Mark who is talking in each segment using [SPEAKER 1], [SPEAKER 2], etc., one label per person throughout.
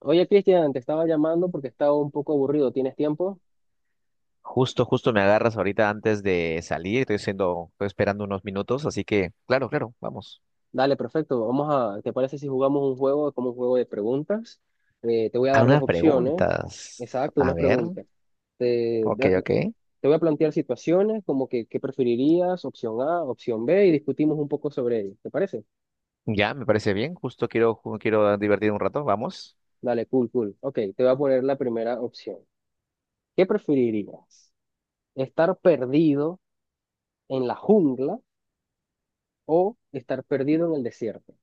[SPEAKER 1] Oye, Cristian, te estaba llamando porque estaba un poco aburrido. ¿Tienes tiempo?
[SPEAKER 2] Justo me agarras ahorita antes de salir. Estoy esperando unos minutos, así que, claro, claro, vamos.
[SPEAKER 1] Dale, perfecto. ¿Te parece si jugamos un juego como un juego de preguntas? Te voy a
[SPEAKER 2] A
[SPEAKER 1] dar dos
[SPEAKER 2] unas
[SPEAKER 1] opciones.
[SPEAKER 2] preguntas.
[SPEAKER 1] Exacto,
[SPEAKER 2] A
[SPEAKER 1] una
[SPEAKER 2] ver,
[SPEAKER 1] pregunta. Te,
[SPEAKER 2] ok,
[SPEAKER 1] da-
[SPEAKER 2] ok.
[SPEAKER 1] te voy a plantear situaciones como que qué preferirías, opción A, opción B, y discutimos un poco sobre ello. ¿Te parece?
[SPEAKER 2] Ya, me parece bien. Justo quiero divertir un rato, vamos.
[SPEAKER 1] Dale, cool, cool. Ok, te voy a poner la primera opción. ¿Qué preferirías? ¿Estar perdido en la jungla o estar perdido en el desierto?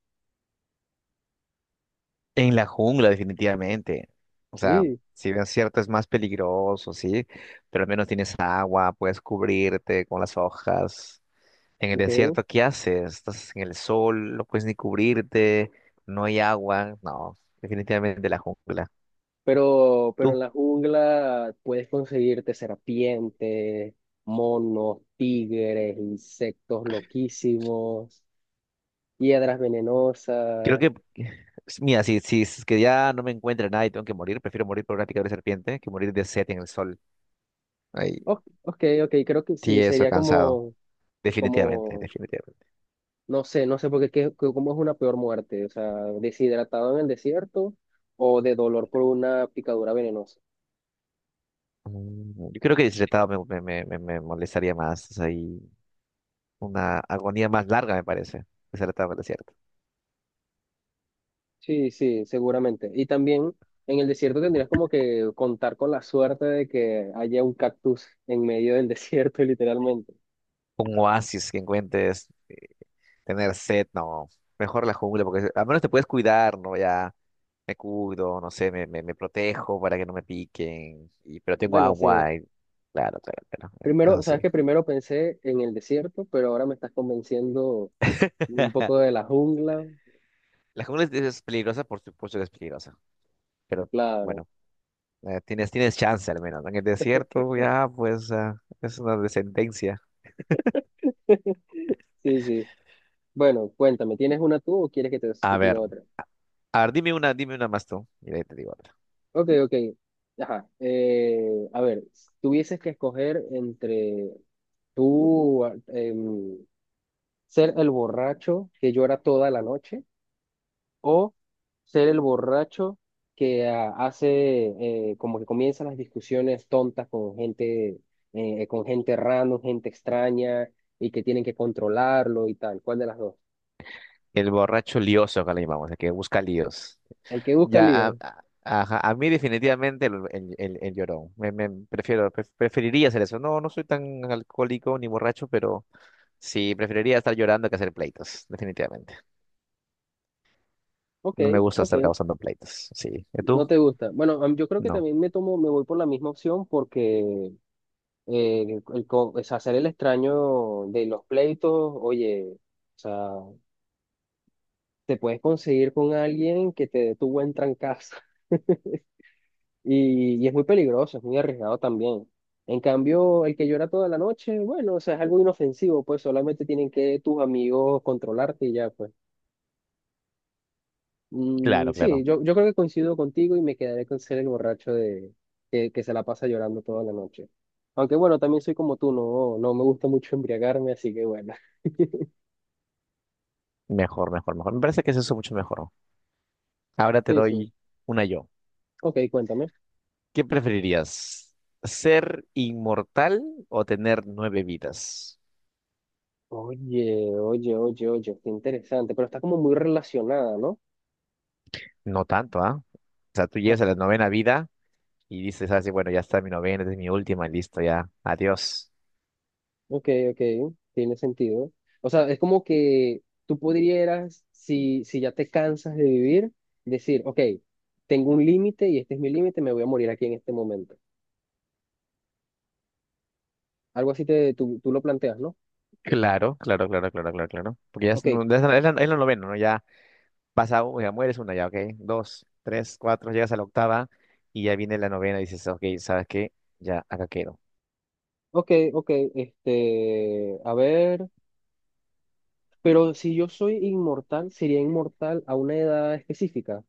[SPEAKER 2] En la jungla, definitivamente. O sea,
[SPEAKER 1] Sí,
[SPEAKER 2] si bien es cierto, es más peligroso, sí, pero al menos tienes agua, puedes cubrirte con las hojas. En el
[SPEAKER 1] ok.
[SPEAKER 2] desierto, ¿qué haces? Estás en el sol, no puedes ni cubrirte, no hay agua. No, definitivamente la jungla.
[SPEAKER 1] Pero en
[SPEAKER 2] Tú,
[SPEAKER 1] la jungla puedes conseguirte serpientes, monos, tigres, insectos loquísimos, hiedras
[SPEAKER 2] creo
[SPEAKER 1] venenosas.
[SPEAKER 2] que, mira, si es que ya no me encuentra nada y tengo que morir, prefiero morir por una picadura de serpiente que morir de sed en el sol. Ay,
[SPEAKER 1] Ok, ok, creo que sí,
[SPEAKER 2] tieso,
[SPEAKER 1] sería
[SPEAKER 2] cansado.
[SPEAKER 1] como,
[SPEAKER 2] Definitivamente,
[SPEAKER 1] como,
[SPEAKER 2] definitivamente.
[SPEAKER 1] no sé, porque cómo es una peor muerte, o sea, deshidratado en el desierto o de dolor por una picadura venenosa.
[SPEAKER 2] Yo creo que deshidratado me molestaría más. Es ahí una agonía más larga, me parece. Deshidratado, es cierto.
[SPEAKER 1] Sí, sí, seguramente. Y también en el desierto tendrías como que contar con la suerte de que haya un cactus en medio del desierto, literalmente.
[SPEAKER 2] Un oasis que encuentres. Tener sed, no. Mejor la jungla, porque al menos te puedes cuidar, ¿no? Ya me cuido, no sé, me protejo para que no me piquen, y, pero tengo
[SPEAKER 1] Bueno, sí.
[SPEAKER 2] agua. Y claro, claro, claro,
[SPEAKER 1] Primero,
[SPEAKER 2] eso
[SPEAKER 1] sabes
[SPEAKER 2] sí.
[SPEAKER 1] que primero pensé en el desierto, pero ahora me estás convenciendo un poco de la jungla.
[SPEAKER 2] La jungla es peligrosa, por supuesto que es peligrosa, pero
[SPEAKER 1] Claro.
[SPEAKER 2] bueno, tienes chance al menos, ¿no? En el desierto ya, pues, ah, es una descendencia.
[SPEAKER 1] Sí, sí. Bueno, cuéntame, ¿tienes una tú o quieres que te
[SPEAKER 2] A
[SPEAKER 1] te
[SPEAKER 2] ver.
[SPEAKER 1] diga otra?
[SPEAKER 2] A ver, dime una más tú. Mira, ya te digo otra.
[SPEAKER 1] Ok, ok. Ajá. A ver, si tuvieses que escoger entre tú, ser el borracho que llora toda la noche o ser el borracho que hace como que comienzan las discusiones tontas con gente random, gente extraña y que tienen que controlarlo y tal. ¿Cuál de las dos?
[SPEAKER 2] El borracho lioso, acá le llamamos, el que busca líos.
[SPEAKER 1] El que busca
[SPEAKER 2] Ya,
[SPEAKER 1] lío.
[SPEAKER 2] a- ajá, a mí definitivamente el llorón. Preferiría hacer eso. No, no soy tan alcohólico ni borracho, pero sí, preferiría estar llorando que hacer pleitos, definitivamente.
[SPEAKER 1] Ok,
[SPEAKER 2] No me gusta
[SPEAKER 1] ok,
[SPEAKER 2] estar causando pleitos. Sí. ¿Y
[SPEAKER 1] no
[SPEAKER 2] tú?
[SPEAKER 1] te gusta. Bueno, yo creo que
[SPEAKER 2] No.
[SPEAKER 1] también me tomo, me voy por la misma opción porque o sea, ser el extraño de los pleitos, oye, o sea, te puedes conseguir con alguien que te dé tu buen trancazo. Y es muy peligroso, es muy arriesgado también. En cambio, el que llora toda la noche, bueno, o sea, es algo inofensivo, pues solamente tienen que tus amigos controlarte y ya, pues.
[SPEAKER 2] Claro,
[SPEAKER 1] Sí,
[SPEAKER 2] claro.
[SPEAKER 1] yo creo que coincido contigo y me quedaré con ser el borracho que se la pasa llorando toda la noche. Aunque bueno, también soy como tú, no, no me gusta mucho embriagarme, así que bueno.
[SPEAKER 2] Mejor, mejor, mejor. Me parece que es eso mucho mejor, ¿no? Ahora te
[SPEAKER 1] Sí, sí.
[SPEAKER 2] doy una yo.
[SPEAKER 1] Ok, cuéntame.
[SPEAKER 2] ¿Qué preferirías? ¿Ser inmortal o tener nueve vidas?
[SPEAKER 1] Oye, oye, oye, oye, qué interesante, pero está como muy relacionada, ¿no?
[SPEAKER 2] No tanto, ¿ah? O sea, tú
[SPEAKER 1] Ah,
[SPEAKER 2] llegas a la novena vida y dices así, bueno, ya está mi novena, esta es mi última, listo, ya, adiós.
[SPEAKER 1] ok, ok, tiene sentido. O sea, es como que tú podrías, si ya te cansas de vivir, decir, ok, tengo un límite y este es mi límite, me voy a morir aquí en este momento. Algo así tú lo planteas, ¿no?
[SPEAKER 2] Claro, claro, claro, claro, claro, claro. Porque ya es,
[SPEAKER 1] Ok,
[SPEAKER 2] no- ya es la, es la novena, ¿no? Ya pasa, ya mueres una, ya, ok. Dos, tres, cuatro, llegas a la octava y ya viene la novena y dices, ok, ¿sabes qué? Ya acá quedo.
[SPEAKER 1] ok, ok, este, a ver, pero si yo soy inmortal, sería inmortal a una edad específica.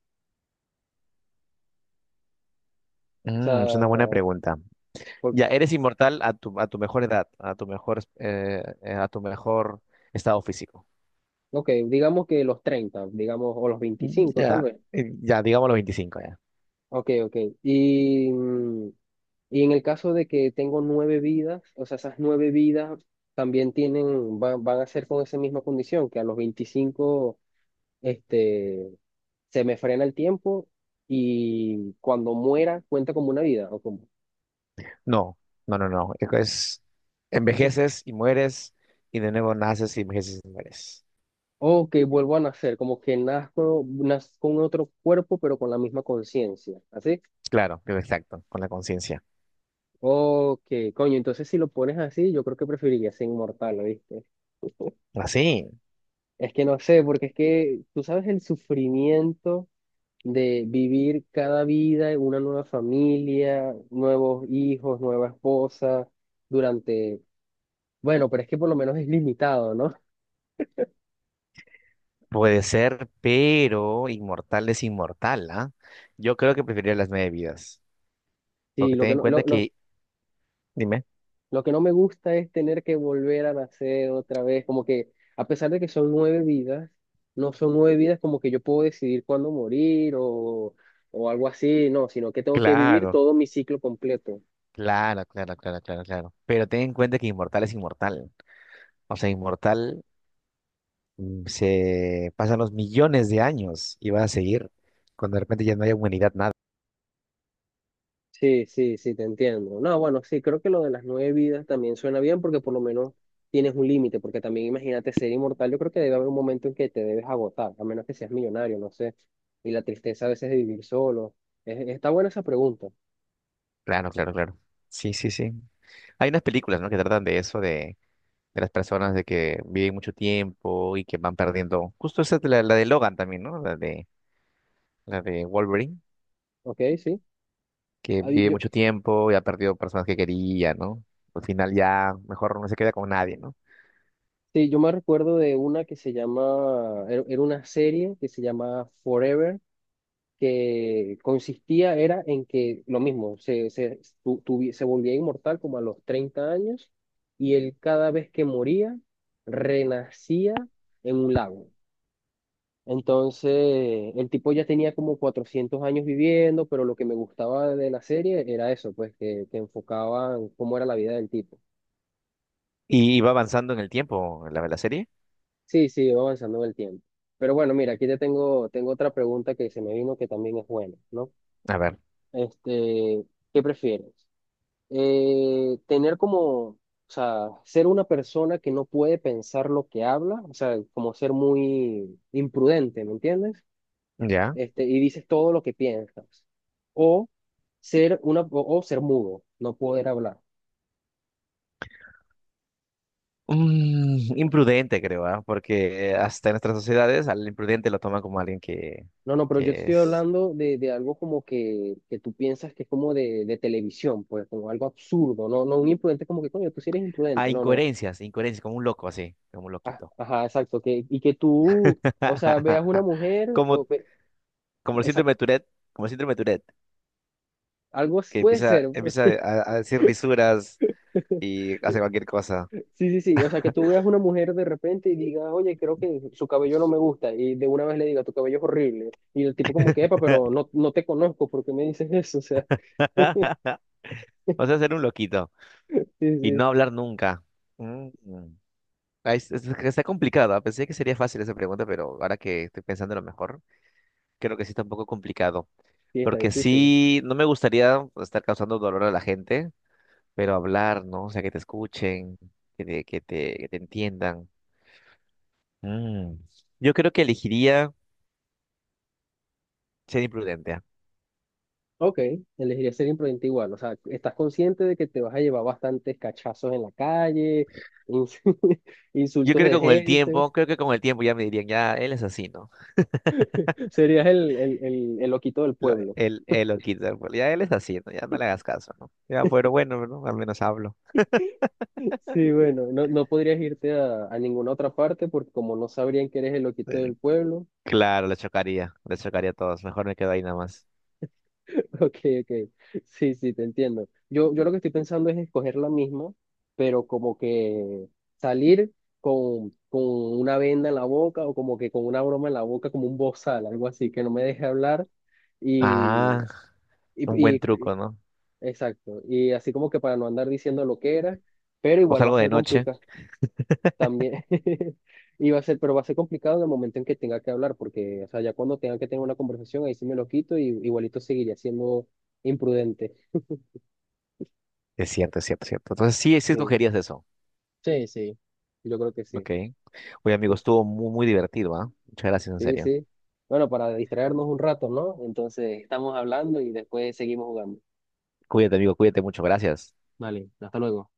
[SPEAKER 1] O
[SPEAKER 2] Mm, es una buena
[SPEAKER 1] sea,
[SPEAKER 2] pregunta.
[SPEAKER 1] por-
[SPEAKER 2] Ya, eres inmortal a tu mejor edad, a tu mejor estado físico.
[SPEAKER 1] ok, digamos que los 30 digamos, o los 25 tal
[SPEAKER 2] Ya,
[SPEAKER 1] vez.
[SPEAKER 2] eh, ya, digamos los 25 ya.
[SPEAKER 1] Ok, ok. Y... mm, Y en el caso de que tengo nueve vidas, o sea, esas nueve vidas también van a ser con esa misma condición, que a los 25 este, se me frena el tiempo y cuando muera cuenta como una vida,
[SPEAKER 2] No, no, no, no.
[SPEAKER 1] entonces,
[SPEAKER 2] Envejeces y mueres y de nuevo naces y envejeces y mueres.
[SPEAKER 1] o que vuelvo a nacer, como que nazco, nazco con otro cuerpo, pero con la misma conciencia, ¿así?
[SPEAKER 2] Claro, claro, exacto, con la conciencia.
[SPEAKER 1] O que, coño, entonces si lo pones así, yo creo que preferiría ser inmortal, ¿viste?
[SPEAKER 2] Así,
[SPEAKER 1] Es que no sé, porque es que tú sabes el sufrimiento de vivir cada vida en una nueva familia, nuevos hijos, nueva esposa, durante, bueno, pero es que por lo menos es limitado, ¿no?
[SPEAKER 2] puede ser, pero inmortal es inmortal, ¿ah? Yo creo que preferiría las nueve vidas,
[SPEAKER 1] Sí,
[SPEAKER 2] porque ten en cuenta que, dime,
[SPEAKER 1] lo que no me gusta es tener que volver a nacer otra vez, como que a pesar de que son nueve vidas, no son nueve vidas como que yo puedo decidir cuándo morir o algo así, no, sino que tengo que vivir
[SPEAKER 2] claro,
[SPEAKER 1] todo mi ciclo completo.
[SPEAKER 2] claro, claro, claro, claro, claro, pero ten en cuenta que inmortal es inmortal. O sea, inmortal, mm, se pasan los millones de años y va a seguir cuando de repente ya no haya humanidad, nada.
[SPEAKER 1] Sí, sí, sí, te entiendo. No, bueno, sí, creo que lo de las nueve vidas también suena bien porque por lo menos tienes un límite, porque también imagínate ser inmortal, yo creo que debe haber un momento en que te debes agotar, a menos que seas millonario, no sé, y la tristeza a veces de vivir solo. Está buena esa pregunta,
[SPEAKER 2] Claro, claro, claro. Sí, sí, sí. Hay unas películas, ¿no?, que tratan de eso, de las personas de que viven mucho tiempo y que van perdiendo. Justo esa, es la de Logan también, ¿no? La de Wolverine,
[SPEAKER 1] ¿ok? Sí.
[SPEAKER 2] que
[SPEAKER 1] Hay-
[SPEAKER 2] vive
[SPEAKER 1] yo,
[SPEAKER 2] mucho tiempo y ha perdido personas que quería, ¿no? Al final ya mejor no se queda con nadie, ¿no?
[SPEAKER 1] sí, yo me recuerdo de una que se llama, era una serie que se llama Forever que consistía era en que lo mismo, se volvía inmortal como a los 30 años y él cada vez que moría renacía en un lago. Entonces, el tipo ya tenía como 400 años viviendo, pero lo que me gustaba de la serie era eso, pues que enfocaban cómo era la vida del tipo.
[SPEAKER 2] Y va avanzando en el tiempo la serie.
[SPEAKER 1] Sí, sí, va avanzando en el tiempo. Pero bueno, mira, aquí tengo otra pregunta que se me vino que también es buena, ¿no?
[SPEAKER 2] A ver,
[SPEAKER 1] Este, ¿qué prefieres? Tener como, o sea, ser una persona que no puede pensar lo que habla, o sea, como ser muy imprudente, ¿me entiendes?
[SPEAKER 2] ya.
[SPEAKER 1] Este, y dices todo lo que piensas. O o ser mudo, no poder hablar.
[SPEAKER 2] Imprudente, creo, ¿ah? Porque hasta en nuestras sociedades al imprudente lo toman como alguien que,
[SPEAKER 1] No, no, pero yo te
[SPEAKER 2] que
[SPEAKER 1] estoy
[SPEAKER 2] es…
[SPEAKER 1] hablando de algo como que tú piensas que es como de televisión, pues como algo absurdo, no, no un imprudente como que, coño, tú sí eres
[SPEAKER 2] Ah,
[SPEAKER 1] imprudente, no, no.
[SPEAKER 2] incoherencias, incoherencias, como un loco así, como un
[SPEAKER 1] Ah,
[SPEAKER 2] loquito.
[SPEAKER 1] ajá, exacto, y que tú, o sea, veas una mujer,
[SPEAKER 2] Como,
[SPEAKER 1] o, ve-
[SPEAKER 2] como el síndrome de Tourette, como el síndrome de Tourette, que
[SPEAKER 1] Puede
[SPEAKER 2] empieza,
[SPEAKER 1] ser, pues.
[SPEAKER 2] empieza a, decir lisuras y hace cualquier cosa.
[SPEAKER 1] Sí, sí, sí. O sea, que tú veas una mujer de repente y digas, oye, creo que su cabello no me gusta. Y de una vez le diga, tu cabello es horrible. Y el tipo como que, epa, pero no, no te conozco, ¿por qué me dices eso? O sea,
[SPEAKER 2] O sea, ser un loquito
[SPEAKER 1] sí,
[SPEAKER 2] y
[SPEAKER 1] sí.
[SPEAKER 2] no hablar nunca. Mm. Mm. Ay, está complicada. Pensé que sería fácil esa pregunta, pero ahora que estoy pensando lo mejor, creo que sí está un poco complicado,
[SPEAKER 1] Sí, está
[SPEAKER 2] porque
[SPEAKER 1] difícil.
[SPEAKER 2] sí, no me gustaría estar causando dolor a la gente, pero hablar, ¿no? O sea, que te escuchen, que te entiendan. Mm. Yo creo que elegiría ser imprudente, ¿ah?
[SPEAKER 1] Ok, elegiría ser imprudente igual. O sea, estás consciente de que te vas a llevar bastantes cachazos en la calle, ins-
[SPEAKER 2] Yo
[SPEAKER 1] insultos
[SPEAKER 2] creo que
[SPEAKER 1] de
[SPEAKER 2] con el tiempo,
[SPEAKER 1] gente.
[SPEAKER 2] creo que con el tiempo ya me dirían, ya, él es así, ¿no?
[SPEAKER 1] Serías el loquito del
[SPEAKER 2] Lo-
[SPEAKER 1] pueblo.
[SPEAKER 2] él, él lo quita, pues, ya él es así, ¿no? Ya no le hagas caso, ¿no? Ya, pero bueno, ¿no? Al menos hablo.
[SPEAKER 1] Sí, bueno, no, no podrías irte a ninguna otra parte porque como no sabrían que eres el loquito
[SPEAKER 2] Eh,
[SPEAKER 1] del pueblo,
[SPEAKER 2] Claro, le chocaría a todos. Mejor me quedo ahí nada más.
[SPEAKER 1] ok, ok, sí, sí, te entiendo. Yo lo que estoy pensando es escoger la misma, pero como que salir con una venda en la boca o como que con una broma en la boca, como un bozal, algo así, que no me deje hablar y,
[SPEAKER 2] Ah, un
[SPEAKER 1] y,
[SPEAKER 2] buen
[SPEAKER 1] y-
[SPEAKER 2] truco, ¿no?
[SPEAKER 1] exacto, y así como que para no andar diciendo lo que era, pero
[SPEAKER 2] O
[SPEAKER 1] igual va a
[SPEAKER 2] salgo de
[SPEAKER 1] ser
[SPEAKER 2] noche.
[SPEAKER 1] complicado. También y va a ser, pero va a ser complicado en el momento en que tenga que hablar, porque, o sea, ya cuando tenga que tener una conversación, ahí sí me lo quito y igualito seguiría siendo imprudente.
[SPEAKER 2] Es cierto, es cierto, es cierto. Entonces sí, sí
[SPEAKER 1] Sí,
[SPEAKER 2] escogerías eso.
[SPEAKER 1] sí, sí, yo creo que sí.
[SPEAKER 2] Ok. Oye, amigo,
[SPEAKER 1] Pues,
[SPEAKER 2] estuvo muy, muy divertido, ¿ah? Muchas gracias, en
[SPEAKER 1] sí,
[SPEAKER 2] serio.
[SPEAKER 1] sí. Bueno, para distraernos un rato, ¿no? Entonces, estamos hablando y después seguimos jugando.
[SPEAKER 2] Cuídate, amigo, cuídate mucho. Gracias.
[SPEAKER 1] Vale, hasta luego.